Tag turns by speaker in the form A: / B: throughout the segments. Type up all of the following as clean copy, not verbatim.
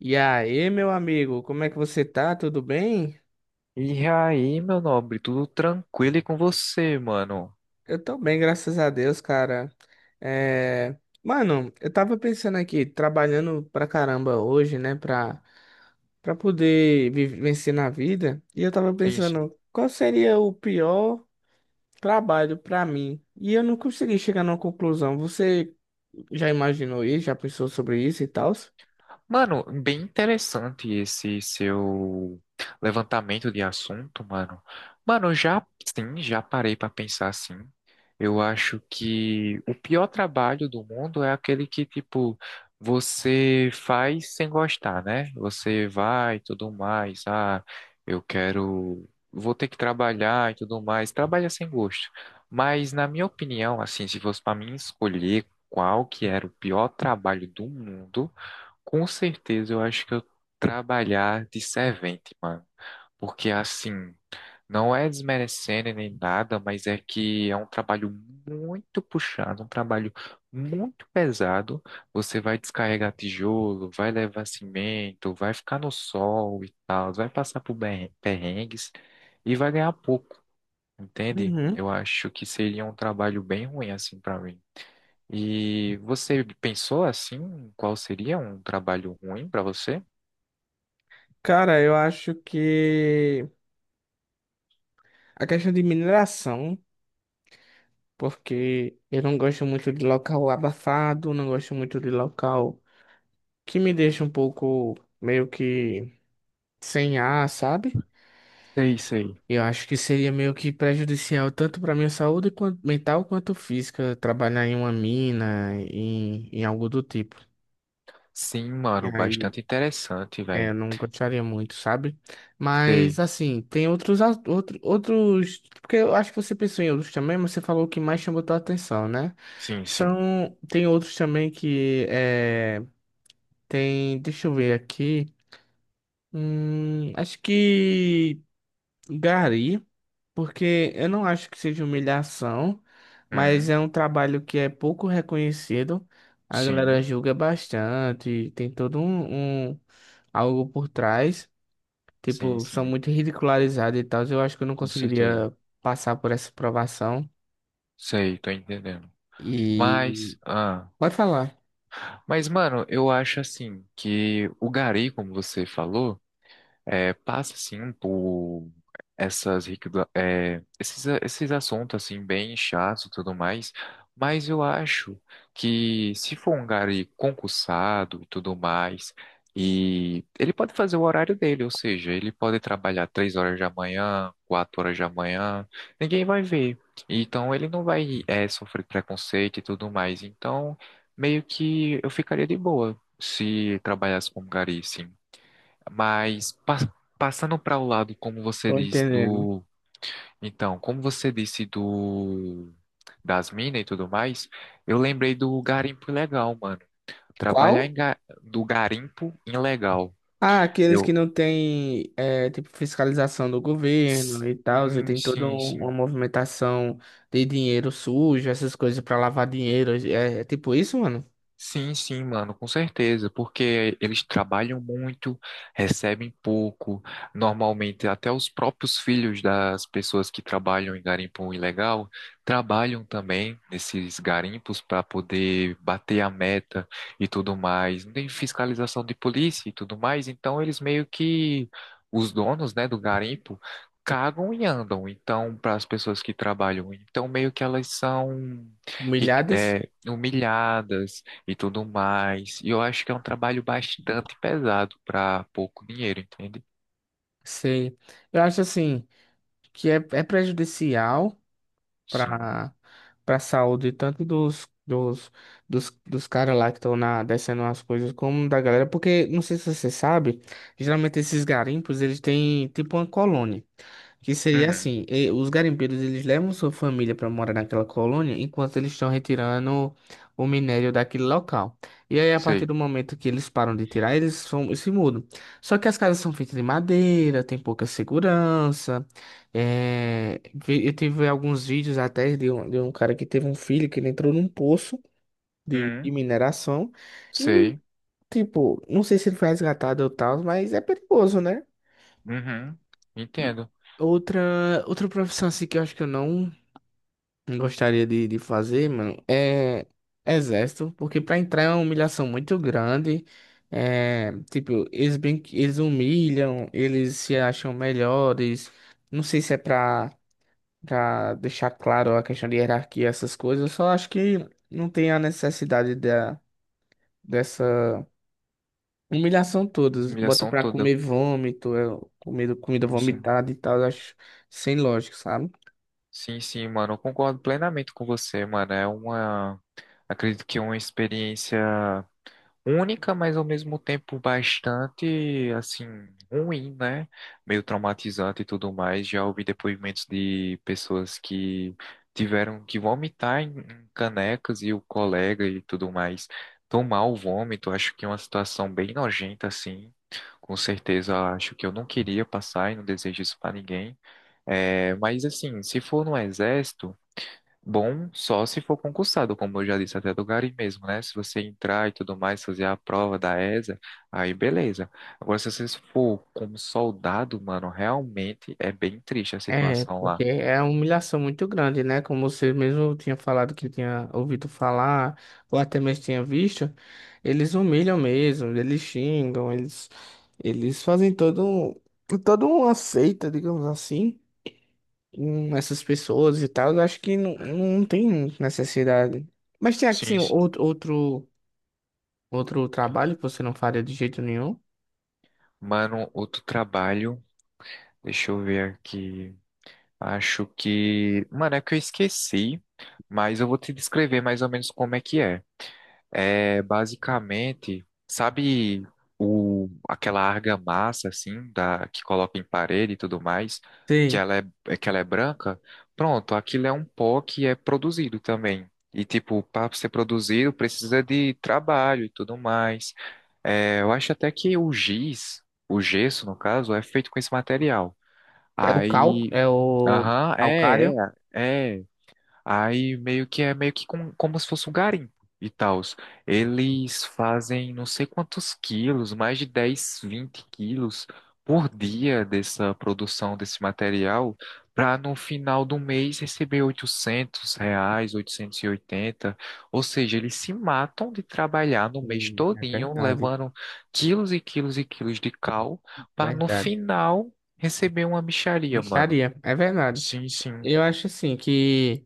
A: E aí, meu amigo, como é que você tá? Tudo bem?
B: E aí, meu nobre, tudo tranquilo e com você, mano?
A: Eu tô bem, graças a Deus, cara. É... Mano, eu tava pensando aqui, trabalhando pra caramba hoje, né, pra poder vencer na vida, e eu tava
B: Sim, sim.
A: pensando, qual seria o pior trabalho pra mim? E eu não consegui chegar numa conclusão. Você já imaginou isso? Já pensou sobre isso e tal?
B: Mano, bem interessante esse seu levantamento de assunto, mano. Mano, já sim, já parei pra pensar assim. Eu acho que o pior trabalho do mundo é aquele que, tipo, você faz sem gostar, né? Você vai e tudo mais. Ah, eu quero. Vou ter que trabalhar e tudo mais. Trabalha sem gosto. Mas, na minha opinião, assim, se fosse pra mim escolher qual que era o pior trabalho do mundo. Com certeza, eu acho que eu trabalhar de servente, mano. Porque assim, não é desmerecendo nem nada, mas é que é um trabalho muito puxado, um trabalho muito pesado. Você vai descarregar tijolo, vai levar cimento, vai ficar no sol e tal, vai passar por perrengues e vai ganhar pouco, entende?
A: Uhum.
B: Eu acho que seria um trabalho bem ruim assim para mim. E você pensou assim, qual seria um trabalho ruim para você?
A: Cara, eu acho que a questão de mineração, porque eu não gosto muito de local abafado, não gosto muito de local que me deixa um pouco meio que sem ar, sabe?
B: Sei, sei.
A: Eu acho que seria meio que prejudicial tanto para minha saúde mental quanto física trabalhar em uma mina, em algo do tipo.
B: Sim,
A: E
B: mano,
A: aí,
B: bastante interessante,
A: é, eu
B: velho.
A: não gostaria muito, sabe? Mas,
B: Sei.
A: assim, tem outros. Porque eu acho que você pensou em outros também, mas você falou o que mais chamou tua atenção, né?
B: Sim, sim.
A: São. Tem outros também que. É, tem. Deixa eu ver aqui. Acho que gari, porque eu não acho que seja humilhação, mas
B: Hum,
A: é um trabalho que é pouco reconhecido. A galera
B: sim,
A: julga bastante, tem todo algo por trás.
B: sim,
A: Tipo, são
B: sim.
A: muito ridicularizados e tal. Eu acho que eu não
B: Com certeza.
A: conseguiria passar por essa provação.
B: Sei, tô entendendo.
A: E.
B: Mas, ah,
A: Pode falar.
B: mas, mano, eu acho assim que o gari, como você falou, é, passa assim por essas riquida- é, esses, a- esses assuntos assim bem chatos e tudo mais, mas eu acho que se for um gari concursado e tudo mais, e ele pode fazer o horário dele, ou seja, ele pode trabalhar 3 horas da manhã, 4 horas da manhã, ninguém vai ver. Então ele não vai sofrer preconceito e tudo mais. Então meio que eu ficaria de boa se trabalhasse como gari, sim. Mas passando para o lado, como você
A: Tô
B: disse,
A: entendendo.
B: do. Então, como você disse do. Das minas e tudo mais, eu lembrei do garimpo ilegal, mano. Trabalhar
A: Qual?
B: em do garimpo ilegal.
A: Ah, aqueles que
B: Eu.
A: não têm, é, tipo, fiscalização do governo e tal. E
B: Sim,
A: tem toda
B: sim,
A: uma
B: sim.
A: movimentação de dinheiro sujo, essas coisas pra lavar dinheiro. É, é tipo isso, mano?
B: Sim, sim, mano, com certeza, porque eles trabalham muito, recebem pouco. Normalmente, até os próprios filhos das pessoas que trabalham em garimpo ilegal trabalham também nesses garimpos para poder bater a meta e tudo mais. Não tem fiscalização de polícia e tudo mais, então eles meio que os donos, né, do garimpo cagam e andam. Então, para as pessoas que trabalham, então meio que elas são
A: Humilhadas?
B: humilhadas e tudo mais. E eu acho que é um trabalho bastante pesado para pouco dinheiro, entende?
A: Sei. Eu acho assim. Que é, é prejudicial
B: Sim.
A: para para saúde, tanto dos caras lá que estão na descendo as coisas, como da galera, porque não sei se você sabe, geralmente esses garimpos, eles têm tipo uma colônia, que seria
B: Uhum.
A: assim, os garimpeiros, eles levam sua família para morar naquela colônia enquanto eles estão retirando o minério daquele local. E aí, a partir
B: Sei.
A: do momento que eles param de tirar, se mudam. Só que as casas são feitas de madeira, tem pouca segurança, é, eu tive alguns vídeos até de um cara que teve um filho que ele entrou num poço de
B: Uhum.
A: mineração e,
B: Sei.
A: tipo, não sei se ele foi resgatado ou tal, mas é perigoso, né?
B: Uhum.
A: E
B: Entendo.
A: outra profissão assim que eu acho que eu não gostaria de fazer, mano, é exército, porque pra entrar é uma humilhação muito grande. É, tipo, eles, bem, eles humilham, eles se acham melhores. Não sei se é pra. Pra deixar claro a questão de hierarquia, essas coisas, eu só acho que não tem a necessidade da, dessa humilhação toda.
B: Essa
A: Bota
B: humilhação
A: pra
B: toda.
A: comer vômito, é, comida
B: Sim, sim,
A: vomitada e tal, eu acho sem lógica, sabe?
B: sim, sim, mano. Eu concordo plenamente com você, mano. É uma. Acredito que é uma experiência única, mas ao mesmo tempo bastante, assim, ruim, né? Meio traumatizante e tudo mais. Já ouvi depoimentos de pessoas que tiveram que vomitar em canecas e o colega e tudo mais tomar o vômito. Acho que é uma situação bem nojenta, assim. Com certeza, acho que eu não queria passar e não desejo isso para ninguém. É, mas assim, se for no exército. Bom, só se for concursado, como eu já disse, até do Gari mesmo, né? Se você entrar e tudo mais, fazer a prova da ESA, aí beleza. Agora, se você for como soldado, mano, realmente é bem triste a
A: É,
B: situação
A: porque
B: lá.
A: é uma humilhação muito grande, né? Como você mesmo tinha falado que tinha ouvido falar, ou até mesmo tinha visto, eles humilham mesmo, eles xingam, eles fazem toda uma seita, digamos assim, essas pessoas e tal, eu acho que não, não tem necessidade. Mas tem assim,
B: Sim, sim.
A: outro trabalho que você não faria de jeito nenhum.
B: Mano, outro trabalho, deixa eu ver aqui. Acho que. Mano, é que eu esqueci, mas eu vou te descrever mais ou menos como é que é. É basicamente, sabe o, aquela argamassa assim da que coloca em parede e tudo mais, que
A: Sim.
B: ela é, é que ela é branca? Pronto, aquilo é um pó que é produzido também. E tipo, para ser produzido precisa de trabalho e tudo mais. É, eu acho até que o giz, o gesso no caso, é feito com esse material.
A: É o cal,
B: Aí,
A: é o
B: aham, é,
A: calcário.
B: é, é. Aí meio que é meio que como se fosse um garimpo e tal. Eles fazem não sei quantos quilos, mais de 10 20 quilos por dia dessa produção desse material, para no final do mês receber 800 reais, 880. Ou seja, eles se matam de trabalhar no mês
A: É
B: todinho,
A: verdade,
B: levando quilos e quilos e quilos de cal, para no
A: verdade.
B: final receber uma mixaria, mano.
A: Mexaria, é verdade.
B: Sim, sim.
A: Eu acho assim que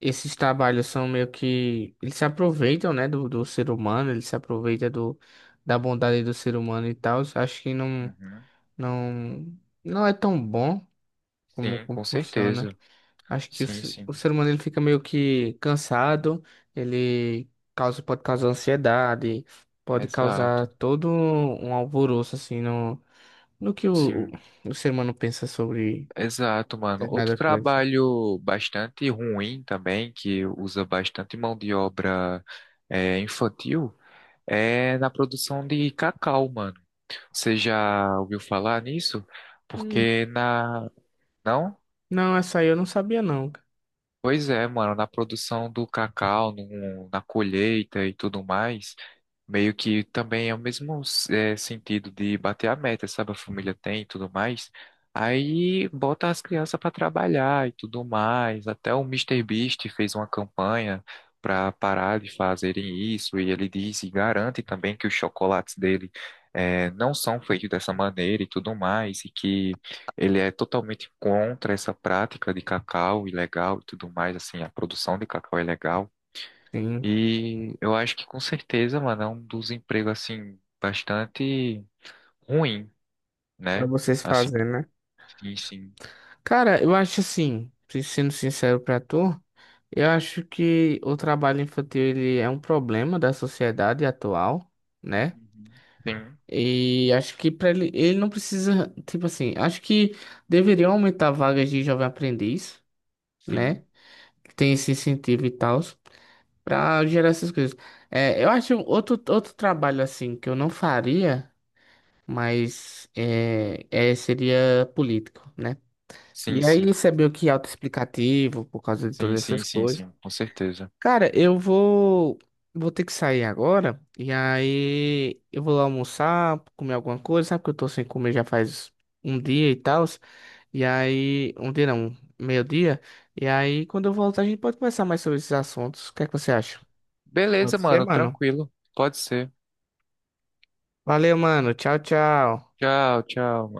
A: esses trabalhos são meio que. Eles se aproveitam, né, do, do ser humano, eles se aproveitam do, da bondade do ser humano e tal. Acho que
B: Uhum.
A: não, não é tão bom como,
B: Sim,
A: como
B: com
A: funciona.
B: certeza.
A: Acho que o,
B: Sim,
A: o
B: sim.
A: ser humano ele fica meio que cansado, ele causa, pode causar ansiedade, pode causar
B: Exato.
A: todo um alvoroço assim no, no que
B: Sim,
A: o ser humano pensa sobre
B: exato, mano. Outro
A: determinada coisa.
B: trabalho bastante ruim também, que usa bastante mão de obra infantil, é na produção de cacau, mano. Você já ouviu falar nisso?
A: Hum,
B: Porque na. Não?
A: não, essa aí eu não sabia não.
B: Pois é, mano, na produção do cacau, na colheita e tudo mais, meio que também é o mesmo sentido de bater a meta, sabe? A família tem e tudo mais. Aí bota as crianças para trabalhar e tudo mais. Até o Mister Beast fez uma campanha para parar de fazerem isso, e ele diz e garante também que os chocolates dele não são feitos dessa maneira e tudo mais, e que. Ele é totalmente contra essa prática de cacau ilegal e tudo mais, assim, a produção de cacau ilegal.
A: Sim,
B: E eu acho que com certeza, mano, é um dos empregos, assim, bastante ruim,
A: pra
B: né?
A: vocês
B: Assim,
A: fazerem, né?
B: sim, sim,
A: Cara, eu acho assim, sendo sincero pra tu, eu acho que o trabalho infantil ele é um problema da sociedade atual, né?
B: Uhum.
A: E acho que para ele, ele não precisa, tipo assim, acho que deveriam aumentar vagas de jovem aprendiz, né?
B: Sim,
A: Que tem esse incentivo e tal, para gerar essas coisas. É, eu acho outro trabalho assim que eu não faria, mas seria político, né?
B: sim,
A: E aí
B: sim,
A: isso é meio que autoexplicativo por causa de
B: sim,
A: todas essas
B: sim, sim, sim,
A: coisas.
B: sim, com certeza.
A: Cara, eu vou ter que sair agora e aí eu vou lá almoçar, comer alguma coisa, sabe que eu tô sem comer já faz um dia e tal. E aí, um dia não, meio-dia. E aí, quando eu voltar, a gente pode conversar mais sobre esses assuntos. O que é que você acha?
B: Beleza,
A: Pode ser,
B: mano,
A: mano.
B: tranquilo, pode ser.
A: Valeu, mano. Tchau, tchau.
B: Tchau, tchau.